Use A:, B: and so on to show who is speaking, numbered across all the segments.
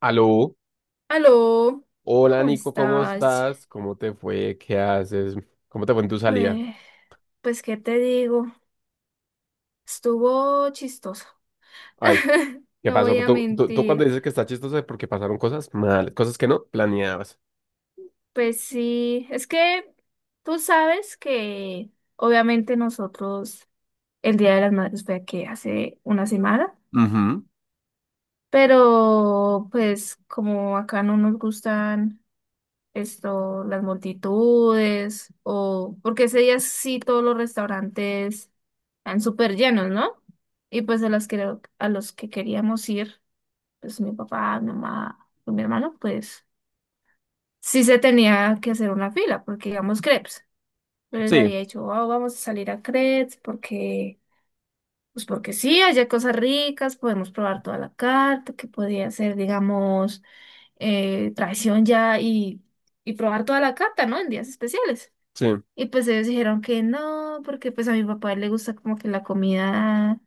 A: Aló,
B: Aló,
A: hola
B: ¿cómo
A: Nico, ¿cómo
B: estás?
A: estás? ¿Cómo te fue? ¿Qué haces? ¿Cómo te fue en tu salida?
B: Pues, pues, ¿qué te digo? Estuvo chistoso.
A: Ay, ¿qué
B: No
A: pasó?
B: voy a
A: Tú cuando
B: mentir.
A: dices que está chistoso es porque pasaron cosas mal, cosas que no planeabas.
B: Pues sí, es que tú sabes que obviamente nosotros el Día de las Madres fue que hace una semana,
A: Ujú.
B: pero pues como acá no nos gustan esto, las multitudes, o porque ese día sí todos los restaurantes están súper llenos, ¿no? Y pues a los que queríamos ir, pues mi papá, mi mamá, pues, mi hermano, pues sí se tenía que hacer una fila, porque íbamos crepes. Yo les
A: Sí,
B: había dicho, "Wow, vamos a salir a crepes, porque, pues porque sí, allá hay cosas ricas, podemos probar toda la carta, que podía ser, digamos, traición ya y probar toda la carta, ¿no? En días especiales.
A: sí.
B: Y pues ellos dijeron que no, porque pues a mi papá le gusta como que la comida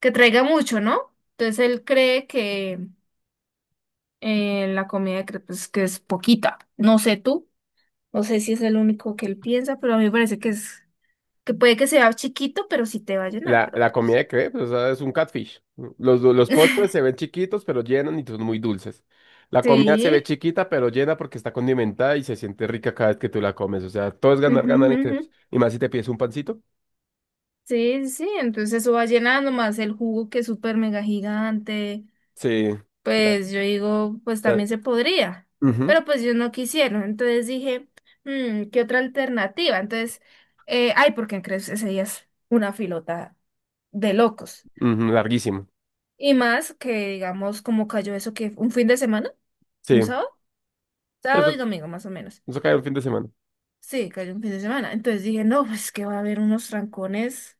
B: que traiga mucho, ¿no? Entonces él cree que la comida que es poquita. No sé tú, no sé si es el único que él piensa, pero a mí me parece que es, que puede que sea chiquito, pero sí te va a llenar,
A: La,
B: pero
A: la comida
B: pues.
A: de crepes, o sea, es un catfish. Los postres se ven chiquitos, pero llenan y son muy dulces. La comida se ve
B: Sí.
A: chiquita, pero llena porque está condimentada y se siente rica cada vez que tú la comes. O sea, todo es ganar,
B: Ujú,
A: ganar en
B: ujú,
A: crepes.
B: ujú.
A: Y más si te pides un pancito.
B: Sí, sí, sí, entonces eso va llenando más el jugo que es súper mega gigante.
A: Sí. La-
B: Pues yo digo, pues
A: la-
B: también se podría,
A: Ujú,
B: pero pues yo no quisieron, entonces dije, " ¿qué otra alternativa? Entonces, ay, porque en crees ese día es una filota de locos.
A: ujú, larguísimo.
B: Y más que, digamos, como cayó eso que un fin de semana,
A: Sí,
B: un sábado, sábado y
A: eso,
B: domingo más o menos.
A: eso cae un fin de semana.
B: Sí, cayó un fin de semana. Entonces dije, no, pues que va a haber unos trancones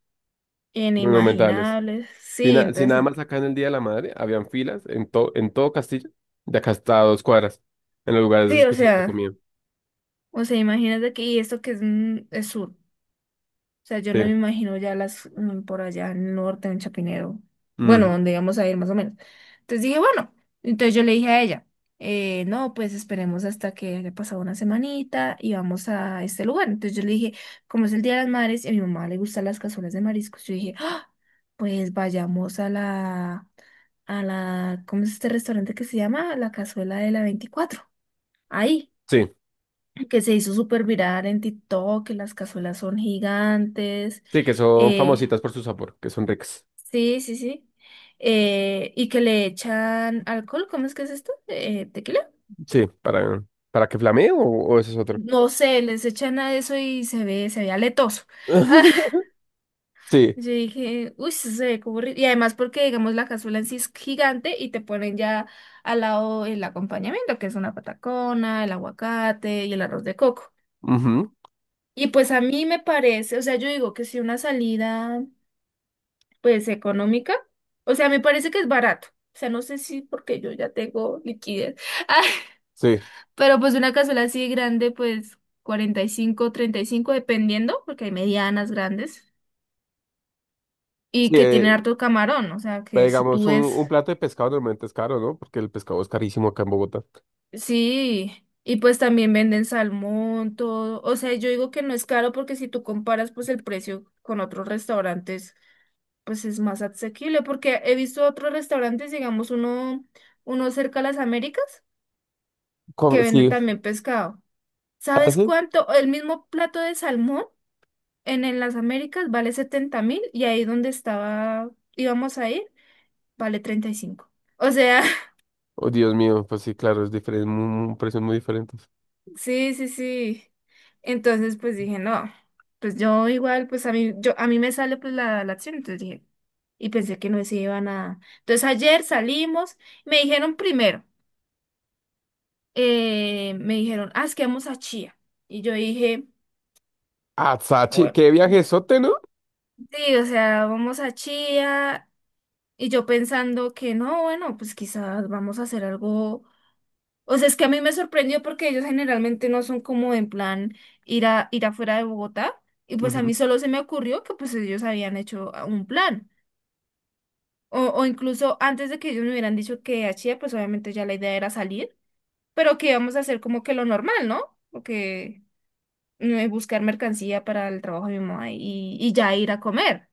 A: Monumentales.
B: inimaginables.
A: Si,
B: Sí,
A: na- si nada
B: entonces,
A: más acá en el Día de la Madre, habían filas en todo Castilla, de acá hasta 2 cuadras, en los lugares
B: sí, o
A: especiales de
B: sea,
A: comida.
B: o sea, imagínate que y esto que es, es sur. O sea, yo
A: Sí.
B: no me imagino ya las por allá en el norte, en Chapinero. Bueno,
A: Ujú.
B: donde íbamos a ir más o menos. Entonces dije, bueno, entonces yo le dije a ella, no, pues esperemos hasta que haya pasado una semanita y vamos a este lugar. Entonces yo le dije, como es el Día de las Madres y a mi mamá le gustan las cazuelas de mariscos, yo dije, "Ah, pues vayamos ¿cómo es este restaurante que se llama? La Cazuela de la 24. Ahí
A: Sí,
B: que se hizo súper viral en TikTok, que las cazuelas son gigantes.
A: sí, que son
B: eh,
A: famositas por su sabor, que son ricas.
B: sí, sí, sí. Y que le echan alcohol, ¿cómo es que es esto? ¿Tequila?
A: Sí, para que flamee o ese es otro.
B: No sé, les echan a eso y se ve aletoso.
A: Sí,
B: Yo dije, uy, eso se ve como horrible". Y además porque, digamos, la cazuela en sí es gigante y te ponen ya al lado el acompañamiento, que es una patacona, el aguacate y el arroz de coco.
A: ujú.
B: Y pues a mí me parece, o sea, yo digo que si una salida pues económica. O sea, me parece que es barato. O sea, no sé si porque yo ya tengo liquidez. Ah,
A: Sí,
B: pero pues una cazuela así grande, pues 45 35 dependiendo, porque hay medianas grandes y
A: sí,
B: que tienen harto camarón. O sea,
A: pero
B: que si
A: digamos,
B: tú
A: un
B: ves,
A: plato de pescado normalmente es caro, ¿no? Porque el pescado es carísimo acá en Bogotá.
B: sí. Y pues también venden salmón, todo. O sea, yo digo que no es caro porque si tú comparas pues el precio con otros restaurantes, pues es más asequible. Porque he visto otros restaurantes, digamos uno cerca a las Américas. Que
A: ¿Cómo?
B: vende
A: Sí.
B: también pescado.
A: ¿Ah,
B: ¿Sabes
A: sí?
B: cuánto? El mismo plato de salmón en las Américas vale 70.000 y ahí donde estaba, íbamos a ir, vale 35. O sea,
A: Oh, Dios mío, pues sí, claro, es diferente, un precio muy diferente.
B: sí, sí, sí. Entonces, pues dije, no, pues yo igual, pues a mí, yo, a mí me sale pues la acción, entonces dije, y pensé que no se iba nada. Entonces ayer salimos, me dijeron primero, me dijeron, ah, es que vamos a Chía. Y yo dije,
A: Ah, Sachi,
B: bueno.
A: qué viajezote, ¿no?
B: Sí, o sea, vamos a Chía. Y yo pensando que no, bueno, pues quizás vamos a hacer algo. O sea, es que a mí me sorprendió porque ellos generalmente no son como en plan ir a ir afuera de Bogotá. Y pues a
A: Ujú.
B: mí solo se me ocurrió que pues ellos habían hecho un plan. O incluso antes de que ellos me hubieran dicho que a Chía, pues obviamente ya la idea era salir, pero que íbamos a hacer como que lo normal, ¿no? Porque buscar mercancía para el trabajo de mi mamá y ya ir a comer.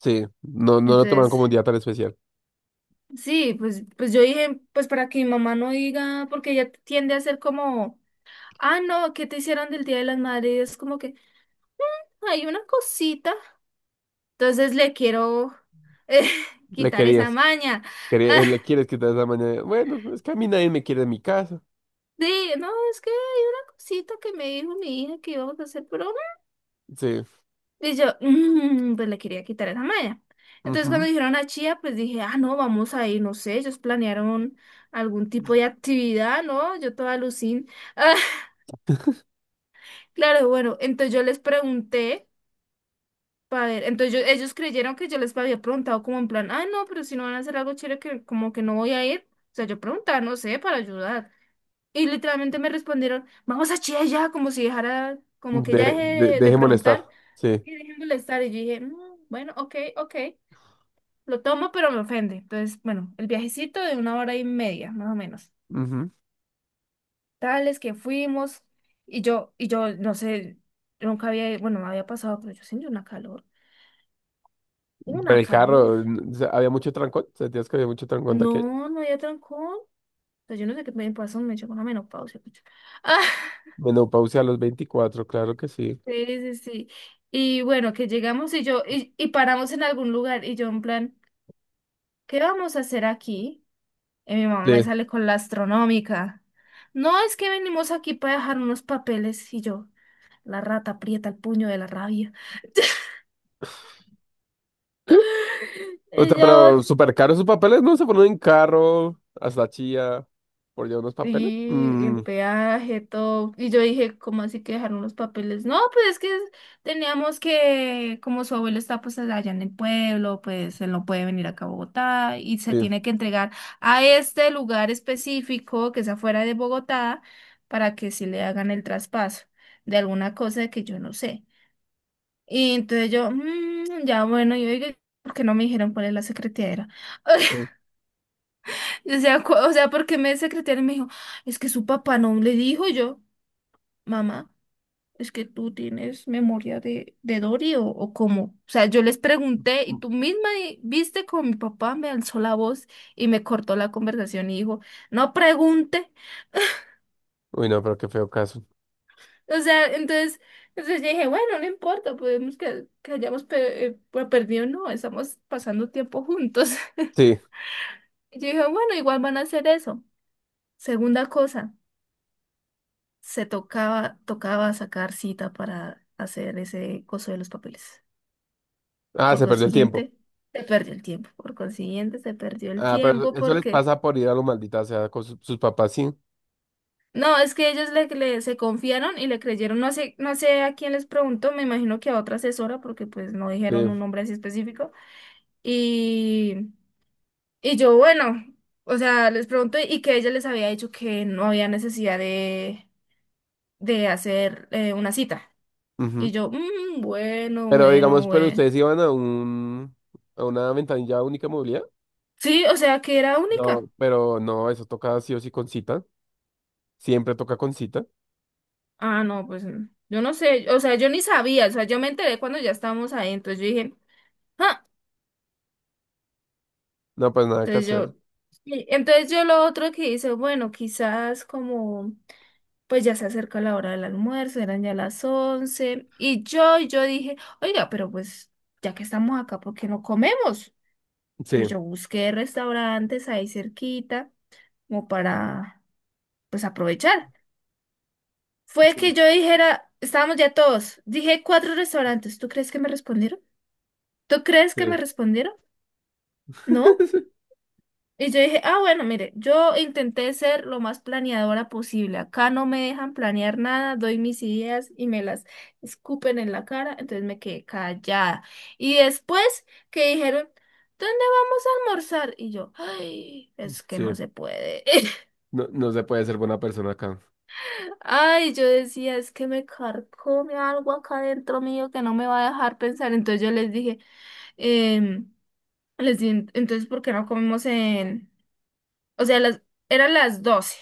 A: Sí, no, no lo toman
B: Entonces.
A: como un día tan especial.
B: Sí, pues yo dije, pues para que mi mamá no diga, porque ella tiende a ser como, ah, no, ¿qué te hicieron del Día de las Madres? Y es como que hay una cosita. Entonces le quiero eh,
A: Le
B: quitar esa
A: querías,
B: maña.
A: quería- eh, le quieres quitar esa mañana. Bueno, es que a mí nadie me quiere en mi casa.
B: Ah, sí, no, es que hay una cosita que me dijo mi hija que íbamos a hacer, pero
A: Sí.
B: y yo, "Mm", pues le quería quitar esa maña. Entonces cuando
A: Ujú.
B: dijeron a Chía, pues dije, ah, no, vamos a ir, no sé, ellos planearon algún tipo de actividad, ¿no? Yo toda alucin. Claro, bueno, entonces yo les pregunté para ver, entonces ellos creyeron que yo les había preguntado como en plan, ah, no, pero si no van a hacer algo chévere que como que no voy a ir, o sea, yo preguntaba, no sé, para ayudar. Y literalmente me respondieron, vamos a Chía ya, como si dejara, como que ya
A: De, de-
B: dejé de,
A: deje molestar.
B: preguntar
A: Sí.
B: y dejé de molestar. Y yo dije, " bueno, ok, ok, lo tomo, pero me ofende. Entonces, bueno, el viajecito de una hora y media, más o menos.
A: Ujú.
B: Tales que fuimos y yo, no sé, nunca había, bueno, me había pasado, pero yo sentí una calor.
A: Pero
B: Una
A: el
B: calor.
A: carro, o sea, había mucho trancón. Sentías que había mucho trancón de aquello.
B: No, no había trancón. Pues yo no sé qué me pasó, me echó una menopausia. Pucha. Ah,
A: Menopausia a los 24, claro que sí.
B: sí, sí, sí. Y bueno, que llegamos y yo, y paramos en algún lugar y yo en plan, ¿qué vamos a hacer aquí? Y mi mamá me
A: Sí.
B: sale con la astronómica. No, es que venimos aquí para dejar unos papeles y yo, la rata aprieta el puño de la rabia.
A: O
B: Y
A: sea,
B: yo,
A: pero súper caro sus papeles, ¿no? Se ponen en carro hasta Chía por llevar unos papeles.
B: Y el
A: Mm,
B: peaje, todo. Y yo dije, ¿cómo así que dejaron los papeles? No, pues es que teníamos que, como su abuelo está pues allá en el pueblo, pues él no puede venir acá a Bogotá y se
A: sí.
B: tiene que entregar a este lugar específico que es afuera de Bogotá para que sí le hagan el traspaso de alguna cosa que yo no sé. Y entonces yo, " ya bueno, y oiga, ¿por qué no me dijeron cuál es la secretaria? O sea, o sea, porque me secretaria me dijo, es que su papá no le dijo y yo, mamá, es que tú tienes memoria de Dory o cómo. O sea, yo les pregunté y
A: Mm.
B: tú misma viste como mi papá me alzó la voz y me cortó la conversación y dijo, no pregunte.
A: Uy, no, pero qué feo caso.
B: O sea, entonces, yo dije, bueno, no importa, podemos que, hayamos pues, perdido, no, estamos pasando tiempo juntos.
A: Sí.
B: Y yo dije, bueno, igual van a hacer eso. Segunda cosa. Tocaba sacar cita para hacer ese coso de los papeles.
A: Ah,
B: Por
A: se perdió el tiempo.
B: consiguiente, se perdió el tiempo. Por consiguiente, se perdió el
A: Ah, pero
B: tiempo
A: eso les
B: porque...
A: pasa por ir a lo maldita sea con sus papás, sí.
B: No, es que ellos se confiaron y le creyeron. No sé a quién les preguntó, me imagino que a otra asesora porque pues no dijeron
A: Sí.
B: un nombre así específico. Y, y yo, bueno, o sea, les pregunté y que ella les había dicho que no había necesidad de hacer una cita. Y
A: Ujú.
B: yo, " bueno,
A: Pero
B: bueno,
A: digamos, pero
B: bueno.
A: ustedes iban a un, a una ventanilla única de movilidad.
B: Sí, o sea, que era
A: No,
B: única.
A: pero no, eso toca sí o sí con cita. Siempre toca con cita.
B: Ah, no, pues yo no sé, o sea, yo ni sabía, o sea, yo me enteré cuando ya estábamos ahí, entonces yo dije, ah,
A: No, pues nada que
B: entonces
A: hacer.
B: yo, sí, entonces yo lo otro que hice, bueno, quizás como, pues ya se acerca la hora del almuerzo, eran ya las 11, y yo dije, oiga, pero pues ya que estamos acá, ¿por qué no comemos? Entonces
A: Sí,
B: yo busqué restaurantes ahí cerquita, como para, pues aprovechar. Fue que
A: sí,
B: yo dijera, estábamos ya todos. Dije cuatro restaurantes. ¿Tú crees que me respondieron? ¿Tú crees
A: sí.
B: que me respondieron? No. Y yo dije, ah, bueno, mire, yo intenté ser lo más planeadora posible. Acá no me dejan planear nada, doy mis ideas y me las escupen en la cara, entonces me quedé callada. Y después que dijeron, ¿dónde vamos a almorzar? Y yo, ay, es que
A: Sí.
B: no se puede.
A: No, no se puede ser buena persona acá.
B: Ay, yo decía, es que me carcome algo acá dentro mío que no me va a dejar pensar. Entonces yo les dije, em, les dije, entonces, ¿por qué no comemos en...? O sea, eran las 12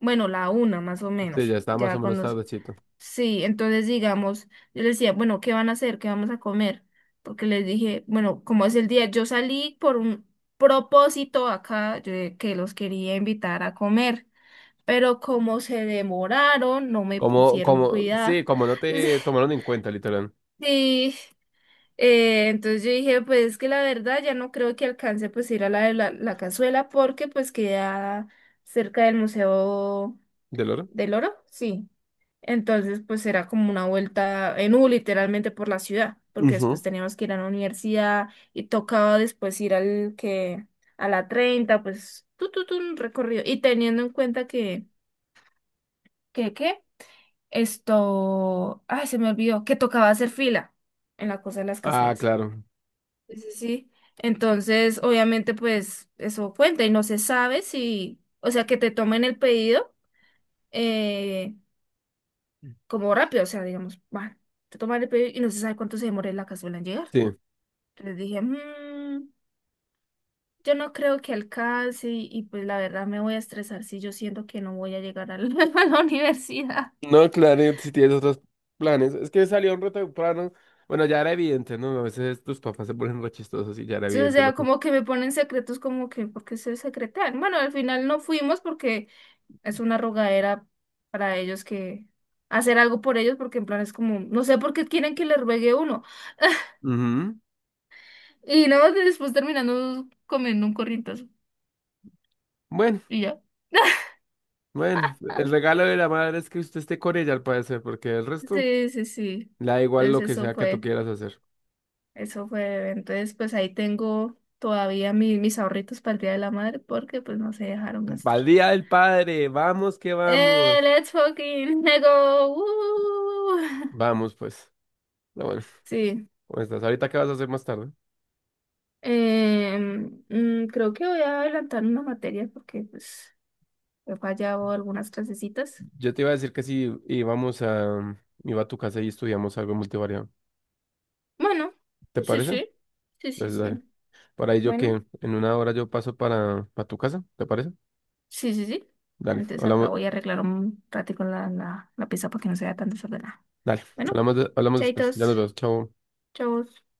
B: bueno, la 1 más o
A: Sí,
B: menos,
A: ya está más
B: ya
A: o menos
B: cuando...
A: tardecito.
B: Sí, entonces digamos, yo les decía, bueno, ¿qué van a hacer? ¿Qué vamos a comer? Porque les dije, bueno, como es el día, yo salí por un propósito acá, yo, de que los quería invitar a comer pero como se demoraron, no me
A: Como,
B: pusieron
A: como, sí,
B: cuidado.
A: como no te tomaron en cuenta, literal.
B: Sí, entonces yo dije, pues es que la verdad ya no creo que alcance pues ir a la de la cazuela porque pues queda cerca del Museo
A: ¿Del oro?
B: del Oro, sí. Entonces pues era como una vuelta en U literalmente por la ciudad, porque después
A: Ujú.
B: teníamos que ir a la universidad y tocaba después ir al que a la 30 pues tu tu tu un recorrido y teniendo en cuenta que qué? Esto, ay, se me olvidó, que tocaba hacer fila en la cosa de las
A: Ah,
B: cazuelas.
A: claro.
B: Sí, sí, sí. Entonces, obviamente, pues eso cuenta y no se sabe si, o sea, que te tomen el pedido eh, como rápido, o sea, digamos, bueno te toman el pedido y no se sabe cuánto se demora la cazuela en llegar.
A: Sí.
B: Entonces dije, " yo no creo que alcance y, pues la verdad me voy a estresar si yo siento que no voy a llegar a la, a la universidad.
A: No, claro, y si tienes otros planes. Es que salió un rato temprano. Bueno, ya era evidente, ¿no? A veces tus papás se ponen re chistosos y ya era
B: Entonces, o
A: evidente,
B: sea,
A: loco.
B: como que me ponen secretos como que, ¿por qué se secretean? Bueno, al final no fuimos porque es una rogadera para ellos que hacer algo por ellos porque en plan es como, no sé por qué quieren que les ruegue uno.
A: Ujú.
B: Y nada más después terminando comiendo un corrientazo
A: Bueno,
B: y ya.
A: bueno. El regalo de la madre es que usted esté con ella, al parecer, porque el resto
B: Sí, sí, sí.
A: le da igual lo
B: Entonces
A: que
B: eso
A: sea que tú
B: fue,
A: quieras hacer.
B: eso fue. Entonces pues ahí tengo todavía mis ahorritos para el Día de la Madre porque pues no se dejaron gastar.
A: ¡Pal Día del Padre! ¡Vamos que vamos!
B: Let's fucking go. Woo.
A: Vamos, pues. No, bueno.
B: Sí,
A: ¿Cómo estás? ¿Ahorita qué vas a hacer más tarde?
B: creo que voy a adelantar una materia porque pues he fallado algunas clasecitas.
A: Yo te iba a decir que si íbamos a... Iba a tu casa y estudiamos algo multivariado.
B: Bueno,
A: ¿Te
B: sí,
A: parece?
B: sí, sí, sí,
A: Entonces, dale.
B: sí.
A: Por ahí yo que
B: Bueno,
A: en 1 hora yo paso para tu casa, ¿te parece?
B: sí, sí, sí.
A: Dale,
B: Entonces acá
A: hablamos,
B: voy a arreglar un ratico la, la pieza para que no se vea tan desordenada.
A: dale,
B: Bueno,
A: hablamos, de- hablamos después. Ya nos
B: chaitos,
A: vemos, chao.
B: chavos.